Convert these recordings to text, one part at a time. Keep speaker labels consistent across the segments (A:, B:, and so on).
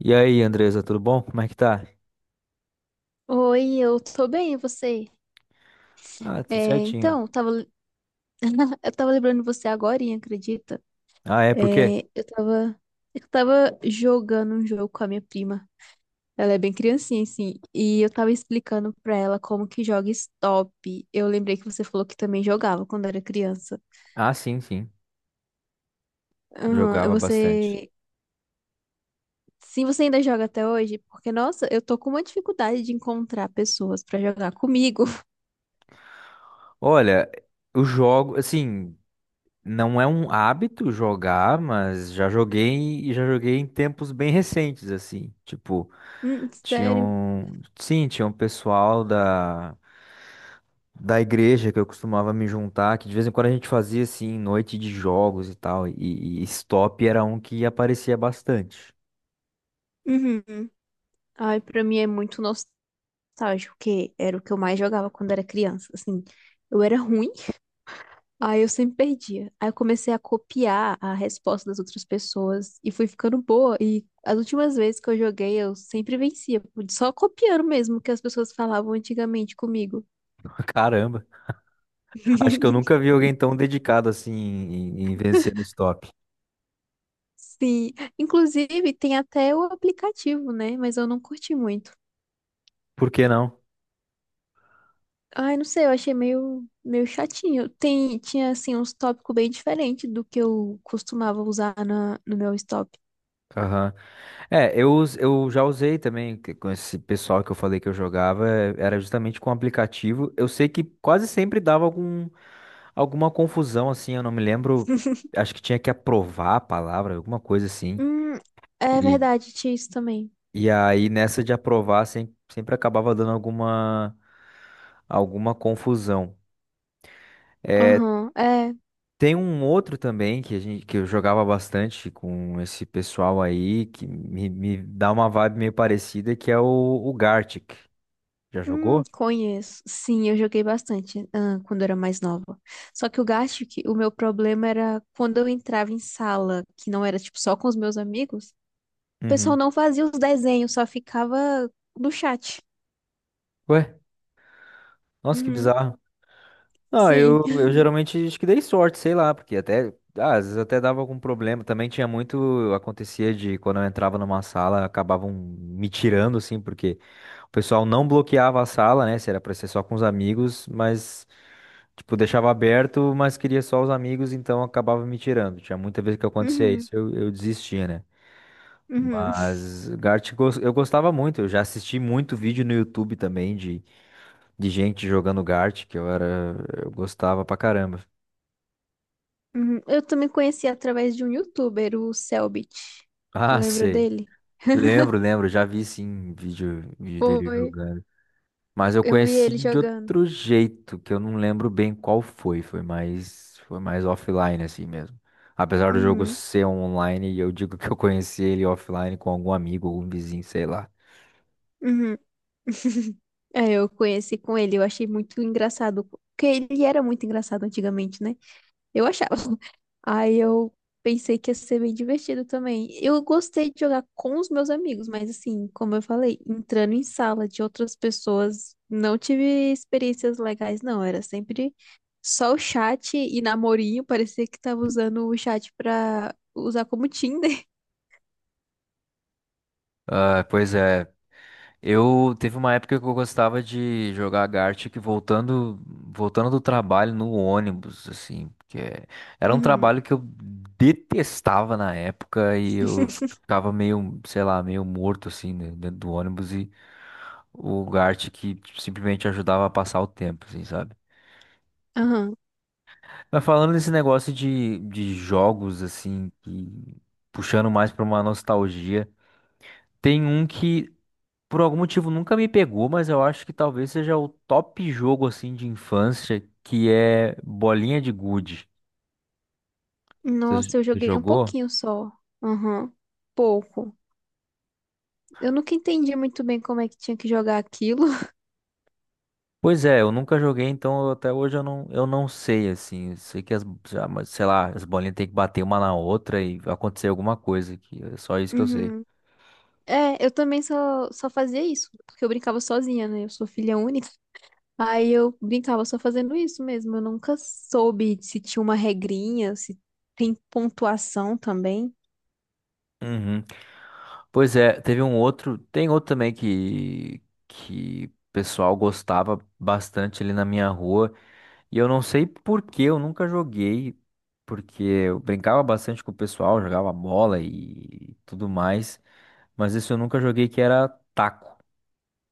A: E aí, Andresa, tudo bom? Como é que tá?
B: Oi, eu tô bem, e você?
A: Ah,
B: É,
A: tudo certinho.
B: então, eu tava, eu tava lembrando de você agora, acredita?
A: Ah, é, por quê?
B: É, eu tava jogando um jogo com a minha prima. Ela é bem criancinha, assim, e eu tava explicando pra ela como que joga Stop. Eu lembrei que você falou que também jogava quando era criança.
A: Ah, sim, sim.
B: Aham,
A: Jogava bastante.
B: você... Sim, você ainda joga até hoje? Porque, nossa, eu tô com uma dificuldade de encontrar pessoas pra jogar comigo.
A: Olha, eu jogo, assim, não é um hábito jogar, mas já joguei e já joguei em tempos bem recentes, assim. Tipo, tinha
B: Sério?
A: um, sim, tinha um pessoal da igreja que eu costumava me juntar, que de vez em quando a gente fazia assim noite de jogos e tal, e Stop era um que aparecia bastante.
B: Uhum. Ai, pra mim é muito nostálgico, que era o que eu mais jogava quando era criança, assim. Eu era ruim, aí eu sempre perdia. Aí eu comecei a copiar a resposta das outras pessoas e fui ficando boa. E as últimas vezes que eu joguei, eu sempre vencia, só copiando mesmo o que as pessoas falavam antigamente comigo.
A: Caramba, acho que eu nunca vi alguém tão dedicado assim em, em vencer no stop.
B: Sim, inclusive tem até o aplicativo, né? Mas eu não curti muito.
A: Por que não?
B: Ai, não sei, eu achei meio chatinho. Tem, tinha, assim, uns tópicos bem diferentes do que eu costumava usar no meu stop.
A: Aham. É, eu já usei também com esse pessoal que eu falei que eu jogava, é, era justamente com aplicativo. Eu sei que quase sempre dava algum, alguma confusão assim, eu não me lembro. Acho que tinha que aprovar a palavra, alguma coisa assim.
B: Hum, é
A: E,
B: verdade, tinha isso também.
A: e aí nessa de aprovar sempre, sempre acabava dando alguma, alguma confusão. É,
B: Aham, é.
A: tem um outro também que a gente que eu jogava bastante com esse pessoal aí que me dá uma vibe meio parecida que é o Gartic. Já jogou?
B: Conheço. Sim, eu joguei bastante, ah, quando eu era mais nova. Só que eu acho que o meu problema era quando eu entrava em sala, que não era tipo só com os meus amigos, o pessoal
A: Uhum.
B: não fazia os desenhos, só ficava no chat.
A: Ué, nossa, que
B: Uhum,
A: bizarro. Não,
B: sim.
A: eu geralmente acho que dei sorte, sei lá, porque até ah, às vezes até dava algum problema. Também tinha muito, acontecia de quando eu entrava numa sala, acabavam me tirando assim, porque o pessoal não bloqueava a sala, né? Se era pra ser só com os amigos, mas tipo, deixava aberto, mas queria só os amigos, então acabava me tirando. Tinha muita vez que acontecia
B: Uhum,
A: isso, eu desistia, né?
B: uhum,
A: Mas eu gostava muito, eu já assisti muito vídeo no YouTube também de gente jogando Gart, que eu era, eu gostava pra caramba.
B: uhum. Eu também conheci através de um youtuber, o Selbit. Tu
A: Ah,
B: lembra
A: sei.
B: dele?
A: Lembro, lembro, já vi sim vídeo, vídeo dele
B: Foi.
A: jogando. Mas eu
B: Eu vi
A: conheci
B: ele
A: de
B: jogando.
A: outro jeito, que eu não lembro bem qual foi. Foi mais offline assim mesmo. Apesar do jogo
B: Uhum,
A: ser online, eu digo que eu conheci ele offline com algum amigo, algum vizinho, sei lá.
B: uhum. É, eu conheci com ele, eu achei muito engraçado, porque ele era muito engraçado antigamente, né? Eu achava. Aí eu pensei que ia ser bem divertido também. Eu gostei de jogar com os meus amigos, mas assim, como eu falei, entrando em sala de outras pessoas, não tive experiências legais, não. Era sempre só o chat e namorinho, parecia que tava usando o chat pra usar como Tinder.
A: Ah, pois é. Eu teve uma época que eu gostava de jogar Gartic voltando, voltando do trabalho no ônibus, assim, porque era um
B: Uhum.
A: trabalho que eu detestava na época e eu ficava meio, sei lá, meio morto assim, né, dentro do ônibus e o Gart que tipo, simplesmente ajudava a passar o tempo, assim, sabe?
B: Aham.
A: Mas falando desse negócio de jogos, assim, que puxando mais pra uma nostalgia, tem um que por algum motivo nunca me pegou, mas eu acho que talvez seja o top jogo, assim, de infância, que é Bolinha de Gude.
B: Nossa, eu
A: Você
B: joguei um
A: jogou?
B: pouquinho só. Aham. Pouco. Eu nunca entendi muito bem como é que tinha que jogar aquilo.
A: Pois é, eu nunca joguei, até hoje eu não sei, assim. Eu sei que mas, sei lá, as bolinhas têm que bater uma na outra e acontecer alguma coisa, que é só isso que eu sei.
B: Uhum. É, eu também só fazia isso, porque eu brincava sozinha, né? Eu sou filha única. Aí eu brincava só fazendo isso mesmo. Eu nunca soube se tinha uma regrinha, se tem pontuação também.
A: Uhum. Pois é, tem outro também que o pessoal gostava bastante ali na minha rua, e eu não sei por que eu nunca joguei, porque eu brincava bastante com o pessoal, jogava bola e tudo mais, mas isso eu nunca joguei que era taco.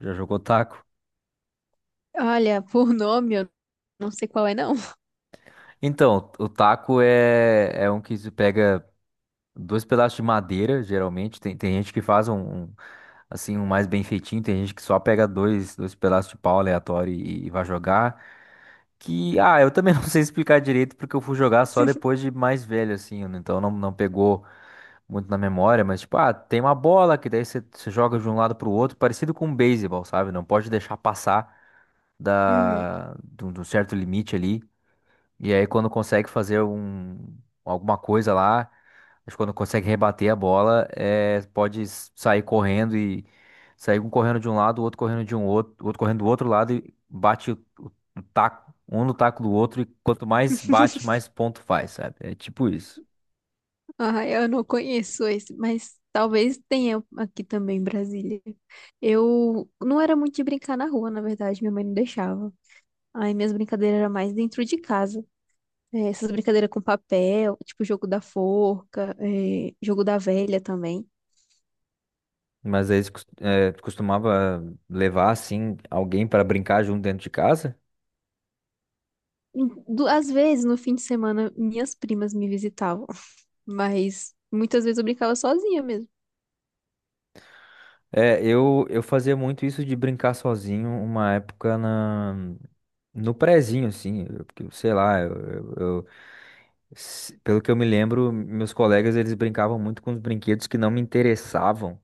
A: Já jogou taco?
B: Olha, por nome, eu não sei qual é, não.
A: Então, o taco é um que se pega dois pedaços de madeira, geralmente. Tem, tem gente que faz um, assim, um mais bem feitinho. Tem gente que só pega dois, dois pedaços de pau aleatório e vai jogar. Que, ah, eu também não sei explicar direito porque eu fui jogar só depois de mais velho, assim. Né? Então não, não pegou muito na memória. Mas, tipo, ah, tem uma bola que daí você joga de um lado pro outro, parecido com um beisebol, sabe? Não pode deixar passar
B: Uhum.
A: de de um certo limite ali. E aí quando consegue fazer um, alguma coisa lá, mas quando consegue rebater a bola, é, pode sair correndo e sair um correndo de um lado, o outro correndo de um outro, o outro correndo do outro lado e bate o taco, um no taco do outro, e quanto mais bate, mais ponto faz, sabe? É tipo isso.
B: Ah, eu não conheço esse, mas talvez tenha aqui também em Brasília. Eu não era muito de brincar na rua, na verdade, minha mãe não deixava. Aí minhas brincadeiras eram mais dentro de casa. É, essas brincadeiras com papel, tipo jogo da forca, é, jogo da velha também.
A: Mas aí é, costumava levar assim alguém para brincar junto dentro de casa?
B: Em- du- Às vezes, no fim de semana, minhas primas me visitavam, mas muitas vezes eu brincava sozinha mesmo.
A: É, eu fazia muito isso de brincar sozinho uma época na. No prezinho, assim, porque, sei lá, pelo que eu me lembro, meus colegas eles brincavam muito com os brinquedos que não me interessavam.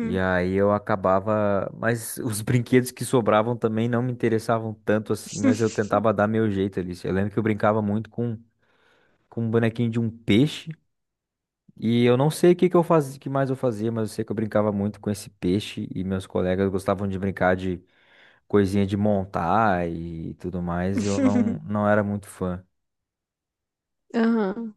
A: E aí eu acabava, mas os brinquedos que sobravam também não me interessavam tanto assim, mas eu tentava dar meu jeito ali. Eu lembro que eu brincava muito com um bonequinho de um peixe, e eu não sei o que que eu fazia, que mais eu fazia, mas eu sei que eu brincava muito com esse peixe e meus colegas gostavam de brincar de coisinha de montar e tudo mais, e eu não, não era muito fã.
B: Aham.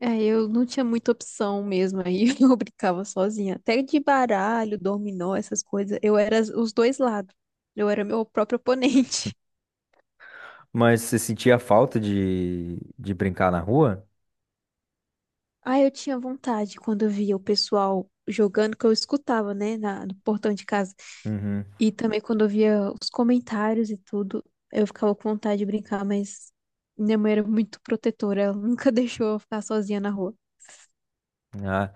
B: É, eu não tinha muita opção mesmo, aí eu brincava sozinha. Até de baralho, dominó, essas coisas, eu era as- os dois lados. Eu era meu próprio oponente.
A: Mas você sentia falta de brincar na rua?
B: Ah, eu tinha vontade quando eu via o pessoal jogando, que eu escutava, né, no portão de casa.
A: Uhum.
B: E também quando eu via os comentários e tudo, eu ficava com vontade de brincar, mas minha mãe era muito protetora, ela nunca deixou eu ficar sozinha na rua.
A: Ah,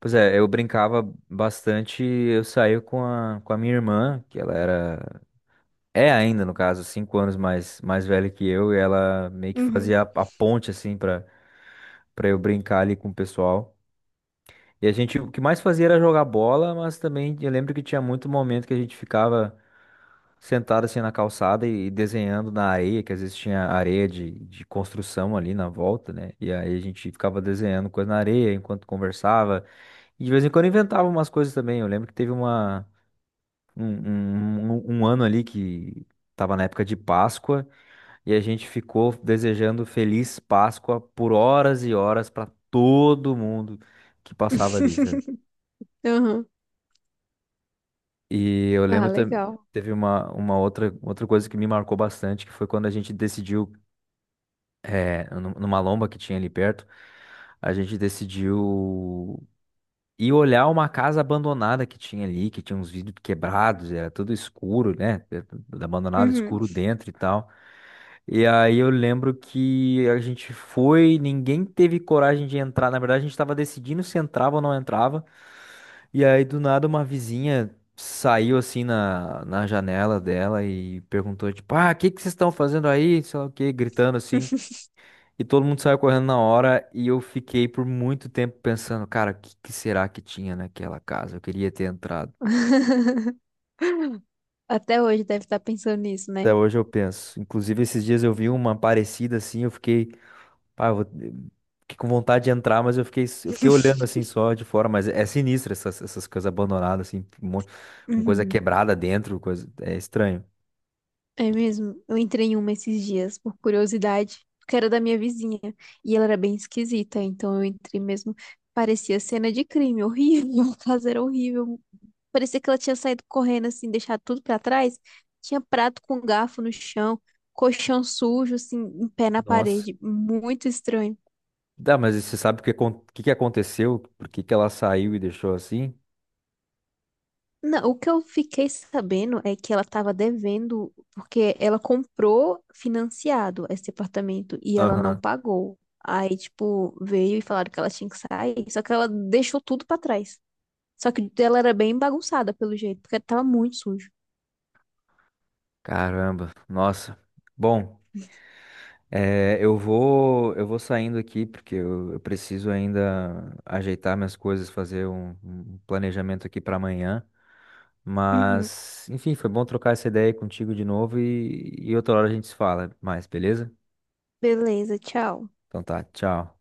A: pois é, eu brincava bastante. Eu saía com com a minha irmã, que ela era. É ainda, no caso, 5 anos mais, mais velha que eu, e ela meio que
B: Uhum.
A: fazia a ponte, assim, pra, pra eu brincar ali com o pessoal. E a gente, o que mais fazia era jogar bola, mas também eu lembro que tinha muito momento que a gente ficava. Sentado assim na calçada e desenhando na areia, que às vezes tinha areia de construção ali na volta, né? E aí a gente ficava desenhando coisa na areia enquanto conversava. E de vez em quando inventava umas coisas também. Eu lembro que teve uma, um, um, um um ano ali que tava na época de Páscoa e a gente ficou desejando Feliz Páscoa por horas e horas para todo mundo que passava ali, sabe?
B: Uhum.
A: E eu
B: Ah,
A: lembro também.
B: legal.
A: Teve uma outra, outra coisa que me marcou bastante, que foi quando a gente decidiu é, numa lomba que tinha ali perto, a gente decidiu ir olhar uma casa abandonada que tinha ali, que tinha uns vidros quebrados, era tudo escuro, né? Era tudo abandonado,
B: Uhum.
A: escuro dentro e tal. E aí eu lembro que a gente foi, ninguém teve coragem de entrar. Na verdade, a gente estava decidindo se entrava ou não entrava. E aí do nada uma vizinha saiu assim na janela dela e perguntou, tipo, ah, o que que vocês estão fazendo aí? Sei lá o quê, gritando assim. E todo mundo saiu correndo na hora e eu fiquei por muito tempo pensando, cara, o que que será que tinha naquela casa? Eu queria ter entrado.
B: Até hoje deve estar pensando nisso,
A: Até
B: né?
A: hoje eu penso. Inclusive, esses dias eu vi uma parecida assim, eu fiquei, pá, fiquei com vontade de entrar, mas eu fiquei olhando assim só de fora, mas é sinistro essas, essas coisas abandonadas, assim, uma coisa
B: Uhum.
A: quebrada dentro, coisa, é estranho.
B: É mesmo? Eu entrei em uma esses dias, por curiosidade, porque era da minha vizinha. E ela era bem esquisita, então eu entrei mesmo. Parecia cena de crime, horrível. A casa era horrível. Parecia que ela tinha saído correndo, assim, deixado tudo pra trás. Tinha prato com garfo no chão, colchão sujo, assim, em pé na
A: Nossa.
B: parede. Muito estranho.
A: Dá, mas você sabe o que que aconteceu? Por que que ela saiu e deixou assim?
B: Não, o que eu fiquei sabendo é que ela estava devendo, porque ela comprou financiado esse apartamento e ela não
A: Aham.
B: pagou. Aí, tipo, veio e falaram que ela tinha que sair, só que ela deixou tudo pra trás. Só que ela era bem bagunçada pelo jeito, porque tava muito sujo.
A: Caramba, nossa. Bom. É, eu vou saindo aqui porque eu preciso ainda ajeitar minhas coisas, fazer um, um planejamento aqui para amanhã.
B: Uhum.
A: Mas, enfim, foi bom trocar essa ideia aí contigo de novo e outra hora a gente se fala mais, beleza?
B: Beleza, tchau.
A: Então tá, tchau.